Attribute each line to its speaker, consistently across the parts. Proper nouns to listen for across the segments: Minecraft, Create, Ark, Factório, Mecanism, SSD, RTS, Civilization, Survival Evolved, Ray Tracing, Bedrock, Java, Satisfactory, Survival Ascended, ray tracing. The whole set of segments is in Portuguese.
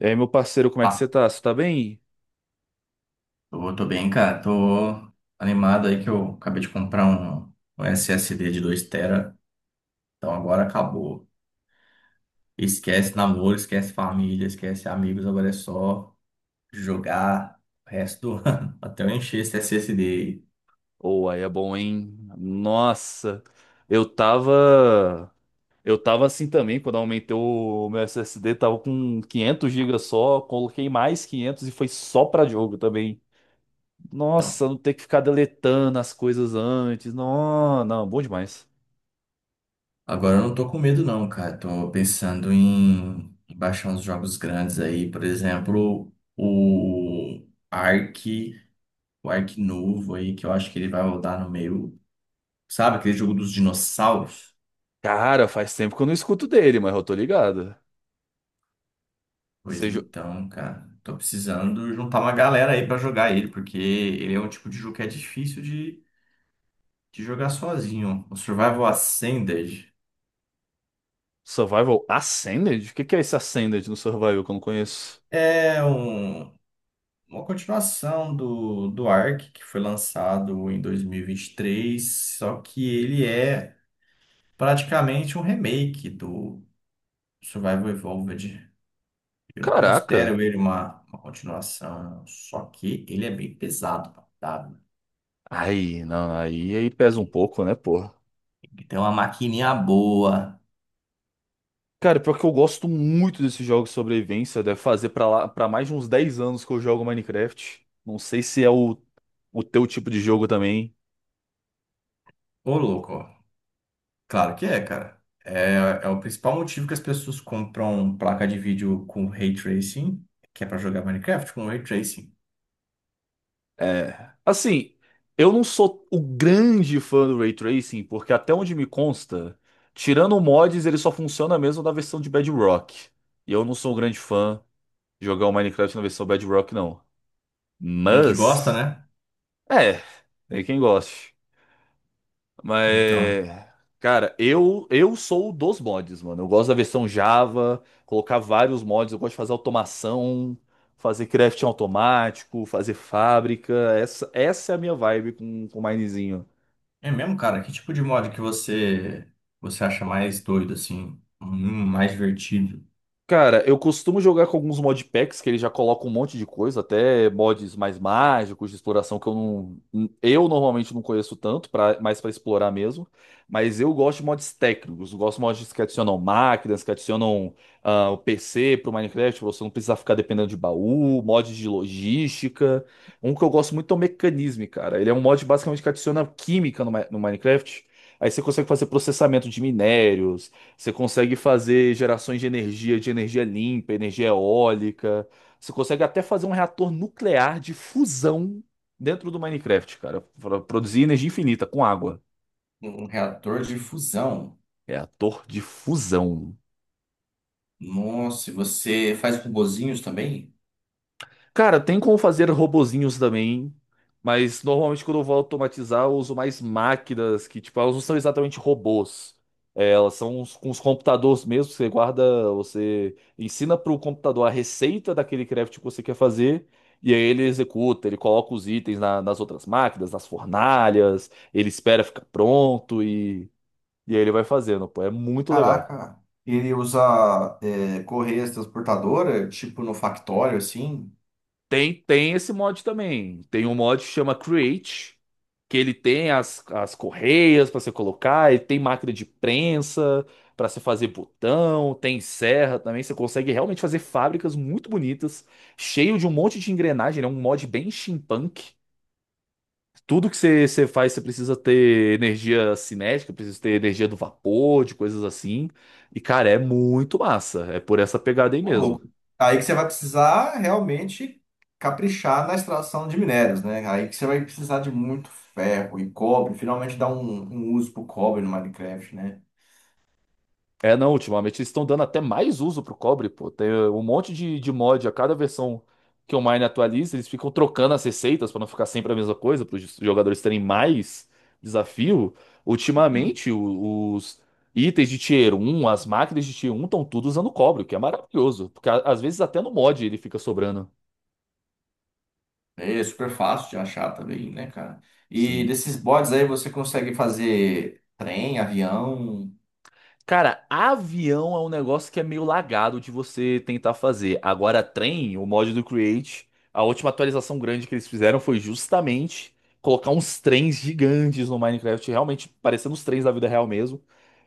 Speaker 1: E aí, meu parceiro, como é que você
Speaker 2: Tá,
Speaker 1: tá? Você tá bem?
Speaker 2: tô bem, cara. Tô animado aí que eu acabei de comprar um SSD de 2 TB. Então agora acabou. Esquece namoro, esquece família, esquece amigos. Agora é só jogar o resto do ano. Até eu encher esse SSD aí.
Speaker 1: Ou aí é bom, hein? Nossa, eu tava. Eu tava assim também, quando eu aumentei o meu SSD, tava com 500 GB só, coloquei mais 500 e foi só pra jogo também.
Speaker 2: Então,
Speaker 1: Nossa, não ter que ficar deletando as coisas antes. Não, não, bom demais.
Speaker 2: agora eu não tô com medo não, cara. Tô pensando em baixar uns jogos grandes aí. Por exemplo, o Ark, o Ark novo aí, que eu acho que ele vai rodar no meio. Sabe aquele jogo dos dinossauros?
Speaker 1: Cara, faz tempo que eu não escuto dele, mas eu tô ligado.
Speaker 2: Pois
Speaker 1: Seja
Speaker 2: então, cara, tô precisando juntar uma galera aí pra jogar ele, porque ele é um tipo de jogo que é difícil de jogar sozinho. O Survival Ascended
Speaker 1: Survival Ascended? O que que é esse Ascended no Survival que eu não conheço?
Speaker 2: é um- uma continuação do Ark, que foi lançado em 2023, só que ele é praticamente um remake do Survival Evolved. Eu não
Speaker 1: Caraca.
Speaker 2: considero ele uma continuação, só que ele é bem pesado, tá?
Speaker 1: Aí, não, aí, aí pesa um pouco, né, porra?
Speaker 2: Tem que ter uma maquininha boa.
Speaker 1: Cara, pior que eu gosto muito desses jogos de sobrevivência. Deve fazer pra lá, para mais de uns 10 anos que eu jogo Minecraft. Não sei se é o teu tipo de jogo também.
Speaker 2: Ô, louco. Claro que é, cara. É o principal motivo que as pessoas compram placa de vídeo com ray tracing, que é pra jogar Minecraft com ray tracing.
Speaker 1: É. Assim, eu não sou o grande fã do Ray Tracing, porque até onde me consta, tirando mods, ele só funciona mesmo na versão de Bedrock. E eu não sou um grande fã de jogar o Minecraft na versão Bedrock, não.
Speaker 2: Quem que gosta,
Speaker 1: Mas,
Speaker 2: né?
Speaker 1: é, tem quem goste.
Speaker 2: Então,
Speaker 1: Mas, cara, eu sou dos mods, mano. Eu gosto da versão Java, colocar vários mods, eu gosto de fazer automação, fazer crafting automático, fazer fábrica. Essa é a minha vibe com o Minezinho.
Speaker 2: é mesmo, cara. Que tipo de mod que você acha mais doido assim, mais divertido?
Speaker 1: Cara, eu costumo jogar com alguns modpacks que ele já coloca um monte de coisa, até mods mais mágicos de exploração que eu não, eu normalmente não conheço tanto, pra, mais pra explorar mesmo. Mas eu gosto de mods técnicos, eu gosto de mods que adicionam máquinas, que adicionam o PC pro Minecraft, pra você não precisar ficar dependendo de baú, mods de logística. Um que eu gosto muito é o Mecanism, cara. Ele é um mod basicamente que adiciona química no, Mi- no Minecraft. Aí você consegue fazer processamento de minérios. Você consegue fazer gerações de energia limpa, energia eólica. Você consegue até fazer um reator nuclear de fusão dentro do Minecraft, cara, para produzir energia infinita com água.
Speaker 2: Um reator de fusão.
Speaker 1: Reator de fusão.
Speaker 2: Nossa, e você faz robozinhos também?
Speaker 1: Cara, tem como fazer robozinhos também, mas normalmente quando eu vou automatizar, eu uso mais máquinas que, tipo, elas não são exatamente robôs. É, elas são uns- com os computadores mesmo, você guarda, você ensina para o computador a receita daquele craft que você quer fazer, e aí ele executa, ele coloca os itens na- nas outras máquinas, nas fornalhas, ele espera ficar pronto e aí ele vai fazendo, pô, é muito legal.
Speaker 2: Caraca, ele usa é, correias transportadora, tipo no Factório, assim.
Speaker 1: Tem esse mod também. Tem um mod que chama Create, que ele tem as, as correias para você colocar, ele tem máquina de prensa para você fazer botão, tem serra também. Você consegue realmente fazer fábricas muito bonitas, cheio de um monte de engrenagem. Ele é um mod bem steampunk. Tudo que você, você faz, você precisa ter energia cinética, precisa ter energia do vapor, de coisas assim. E, cara, é muito massa. É por essa pegada aí
Speaker 2: Ô,
Speaker 1: mesmo.
Speaker 2: louco. Aí que você vai precisar realmente caprichar na extração de minérios, né? Aí que você vai precisar de muito ferro e cobre. Finalmente dá um uso pro cobre no Minecraft, né?
Speaker 1: É, não, ultimamente eles estão dando até mais uso pro cobre, pô. Tem um monte de mod a cada versão que o Mine atualiza, eles ficam trocando as receitas pra não ficar sempre a mesma coisa, para os jogadores terem mais desafio.
Speaker 2: Uhum.
Speaker 1: Ultimamente, o- os itens de tier um, as máquinas de tier um estão tudo usando cobre, o que é maravilhoso, porque a- às vezes até no mod ele fica sobrando.
Speaker 2: É super fácil de achar também, né, cara? E
Speaker 1: Sim.
Speaker 2: desses bots aí você consegue fazer trem, avião,
Speaker 1: Cara, avião é um negócio que é meio lagado de você tentar fazer. Agora, trem, o mod do Create, a última atualização grande que eles fizeram foi justamente colocar uns trens gigantes no Minecraft, realmente parecendo os trens da vida real mesmo.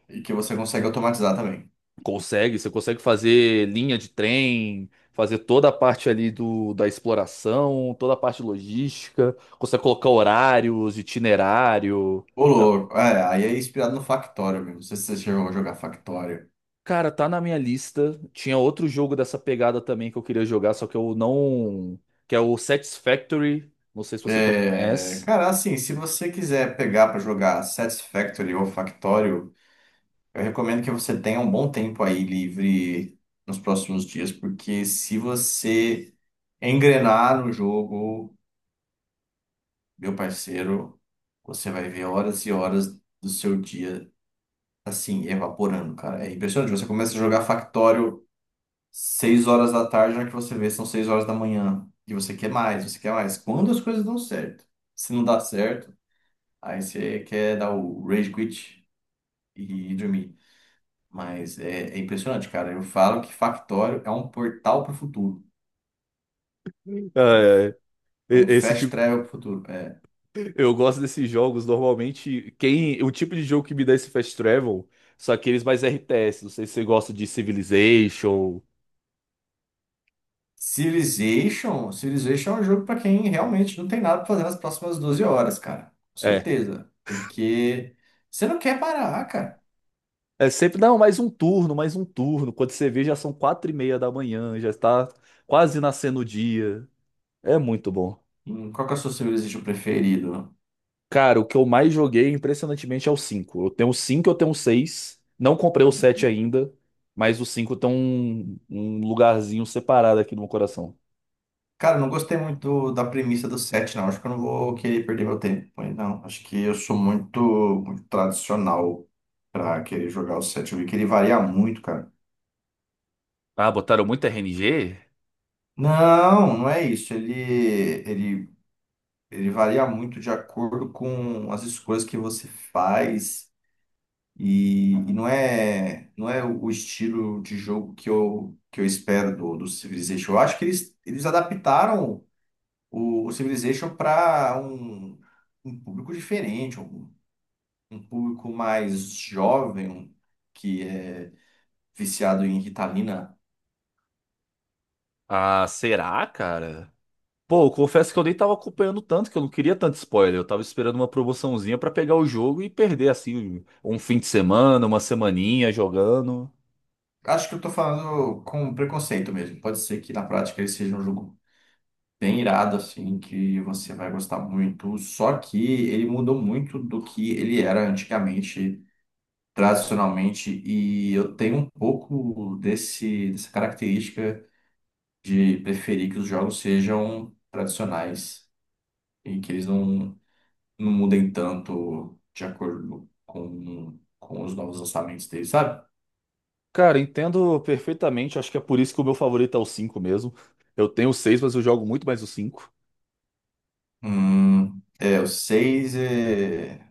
Speaker 2: e que você consegue automatizar também.
Speaker 1: Consegue, você consegue fazer linha de trem, fazer toda a parte ali do, da exploração, toda a parte logística, consegue colocar horários, itinerário.
Speaker 2: Ô, louco. É, aí é inspirado no Factório mesmo. Não sei se você chegou a jogar Factório.
Speaker 1: Cara, tá na minha lista. Tinha outro jogo dessa pegada também que eu queria jogar, só que eu não. Que é o Satisfactory. Não sei se você também
Speaker 2: É,
Speaker 1: conhece.
Speaker 2: cara, assim, se você quiser pegar pra jogar Satisfactory ou Factório. Eu recomendo que você tenha um bom tempo aí livre nos próximos dias, porque se você engrenar no jogo, meu parceiro, você vai ver horas e horas do seu dia assim evaporando, cara. É impressionante. Você começa a jogar Factório 6 horas da tarde, na hora que você vê são 6 horas da manhã, e você quer mais, você quer mais. Quando as coisas dão certo. Se não dá certo, aí você quer dar o rage quit e dormir. Mas é impressionante, cara. Eu falo que Factório é um portal para o futuro.
Speaker 1: É, é.
Speaker 2: É
Speaker 1: E-
Speaker 2: um
Speaker 1: esse
Speaker 2: fast
Speaker 1: tipo.
Speaker 2: travel para o futuro. É.
Speaker 1: Eu gosto desses jogos. Normalmente, quem. O tipo de jogo que me dá esse fast travel são aqueles mais RTS. Não sei se você gosta de Civilization.
Speaker 2: Civilization, Civilization é um jogo para quem realmente não tem nada para fazer nas próximas 12 horas, cara. Com
Speaker 1: É.
Speaker 2: certeza. Porque você não quer parar, cara.
Speaker 1: É sempre, não, mais um turno, mais um turno. Quando você vê, já são 4:30 da manhã, já está quase nascendo o dia. É muito bom.
Speaker 2: Qual que é o seu Civilization preferido?
Speaker 1: Cara, o que eu mais joguei, impressionantemente, é o 5. Eu tenho o 5, eu tenho o 6. Não comprei o 7 ainda, mas o 5 tem um lugarzinho separado aqui no meu coração.
Speaker 2: Cara, eu não gostei muito da premissa do set, não. Acho que eu não vou querer perder meu tempo. Mas não, acho que eu sou muito, muito tradicional para querer jogar o set. Eu vi que ele varia muito, cara.
Speaker 1: Ah, botaram muito RNG?
Speaker 2: Não, não é isso. Ele, ele varia muito de acordo com as escolhas que você faz e não é o estilo de jogo que eu espero do Civilization. Eu acho que eles adaptaram o Civilization para um público diferente, um público mais jovem, que é viciado em Ritalina.
Speaker 1: Ah, será, cara? Pô, eu confesso que eu nem tava acompanhando tanto, que eu não queria tanto spoiler. Eu tava esperando uma promoçãozinha pra pegar o jogo e perder, assim, um fim de semana, uma semaninha jogando.
Speaker 2: Acho que eu tô falando com preconceito mesmo. Pode ser que na prática ele seja um jogo bem irado, assim, que você vai gostar muito. Só que ele mudou muito do que ele era antigamente, tradicionalmente, e eu tenho um pouco desse, dessa característica de preferir que os jogos sejam tradicionais e que eles não mudem tanto de acordo com os novos lançamentos deles, sabe?
Speaker 1: Cara, entendo perfeitamente. Acho que é por isso que o meu favorito é o 5 mesmo. Eu tenho o 6, mas eu jogo muito mais o 5.
Speaker 2: É, o 6 é.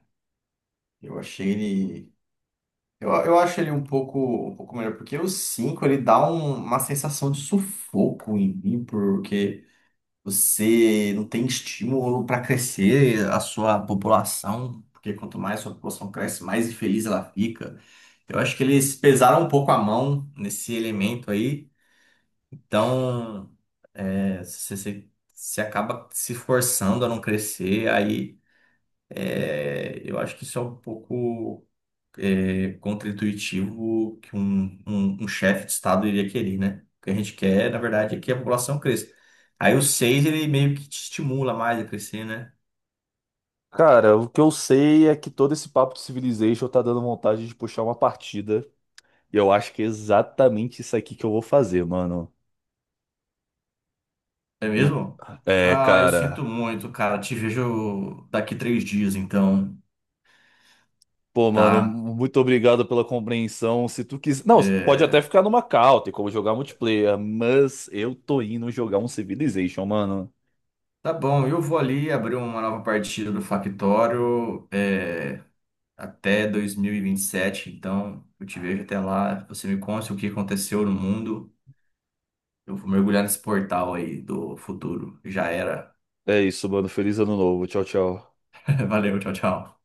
Speaker 2: Eu achei ele. Eu acho ele um pouco melhor, porque o 5 ele dá uma sensação de sufoco em mim, porque você não tem estímulo para crescer a sua população, porque quanto mais a sua população cresce, mais infeliz ela fica. Então, eu acho que eles pesaram um pouco a mão nesse elemento aí, então é, você, você acaba se forçando a não crescer, aí é, eu acho que isso é um pouco é, contra que um chefe de Estado iria querer, né? O que a gente quer, na verdade, é que a população cresça. Aí o seis ele meio que te estimula mais a crescer, né?
Speaker 1: Cara, o que eu sei é que todo esse papo de Civilization tá dando vontade de puxar uma partida. E eu acho que é exatamente isso aqui que eu vou fazer, mano.
Speaker 2: É
Speaker 1: Não...
Speaker 2: mesmo?
Speaker 1: É,
Speaker 2: Ah, eu sinto
Speaker 1: cara.
Speaker 2: muito, cara. Te vejo daqui 3 dias, então,
Speaker 1: Pô, mano,
Speaker 2: tá?
Speaker 1: muito obrigado pela compreensão. Se tu quiser. Não, pode até
Speaker 2: É,
Speaker 1: ficar numa call, tem como jogar multiplayer, mas eu tô indo jogar um Civilization, mano.
Speaker 2: tá bom, eu vou ali abrir uma nova partida do Factório, é, até 2027, então eu te vejo até lá. Você me conta o que aconteceu no mundo. Eu vou mergulhar nesse portal aí do futuro. Já era.
Speaker 1: É isso, mano. Feliz ano novo. Tchau, tchau.
Speaker 2: Valeu, tchau, tchau.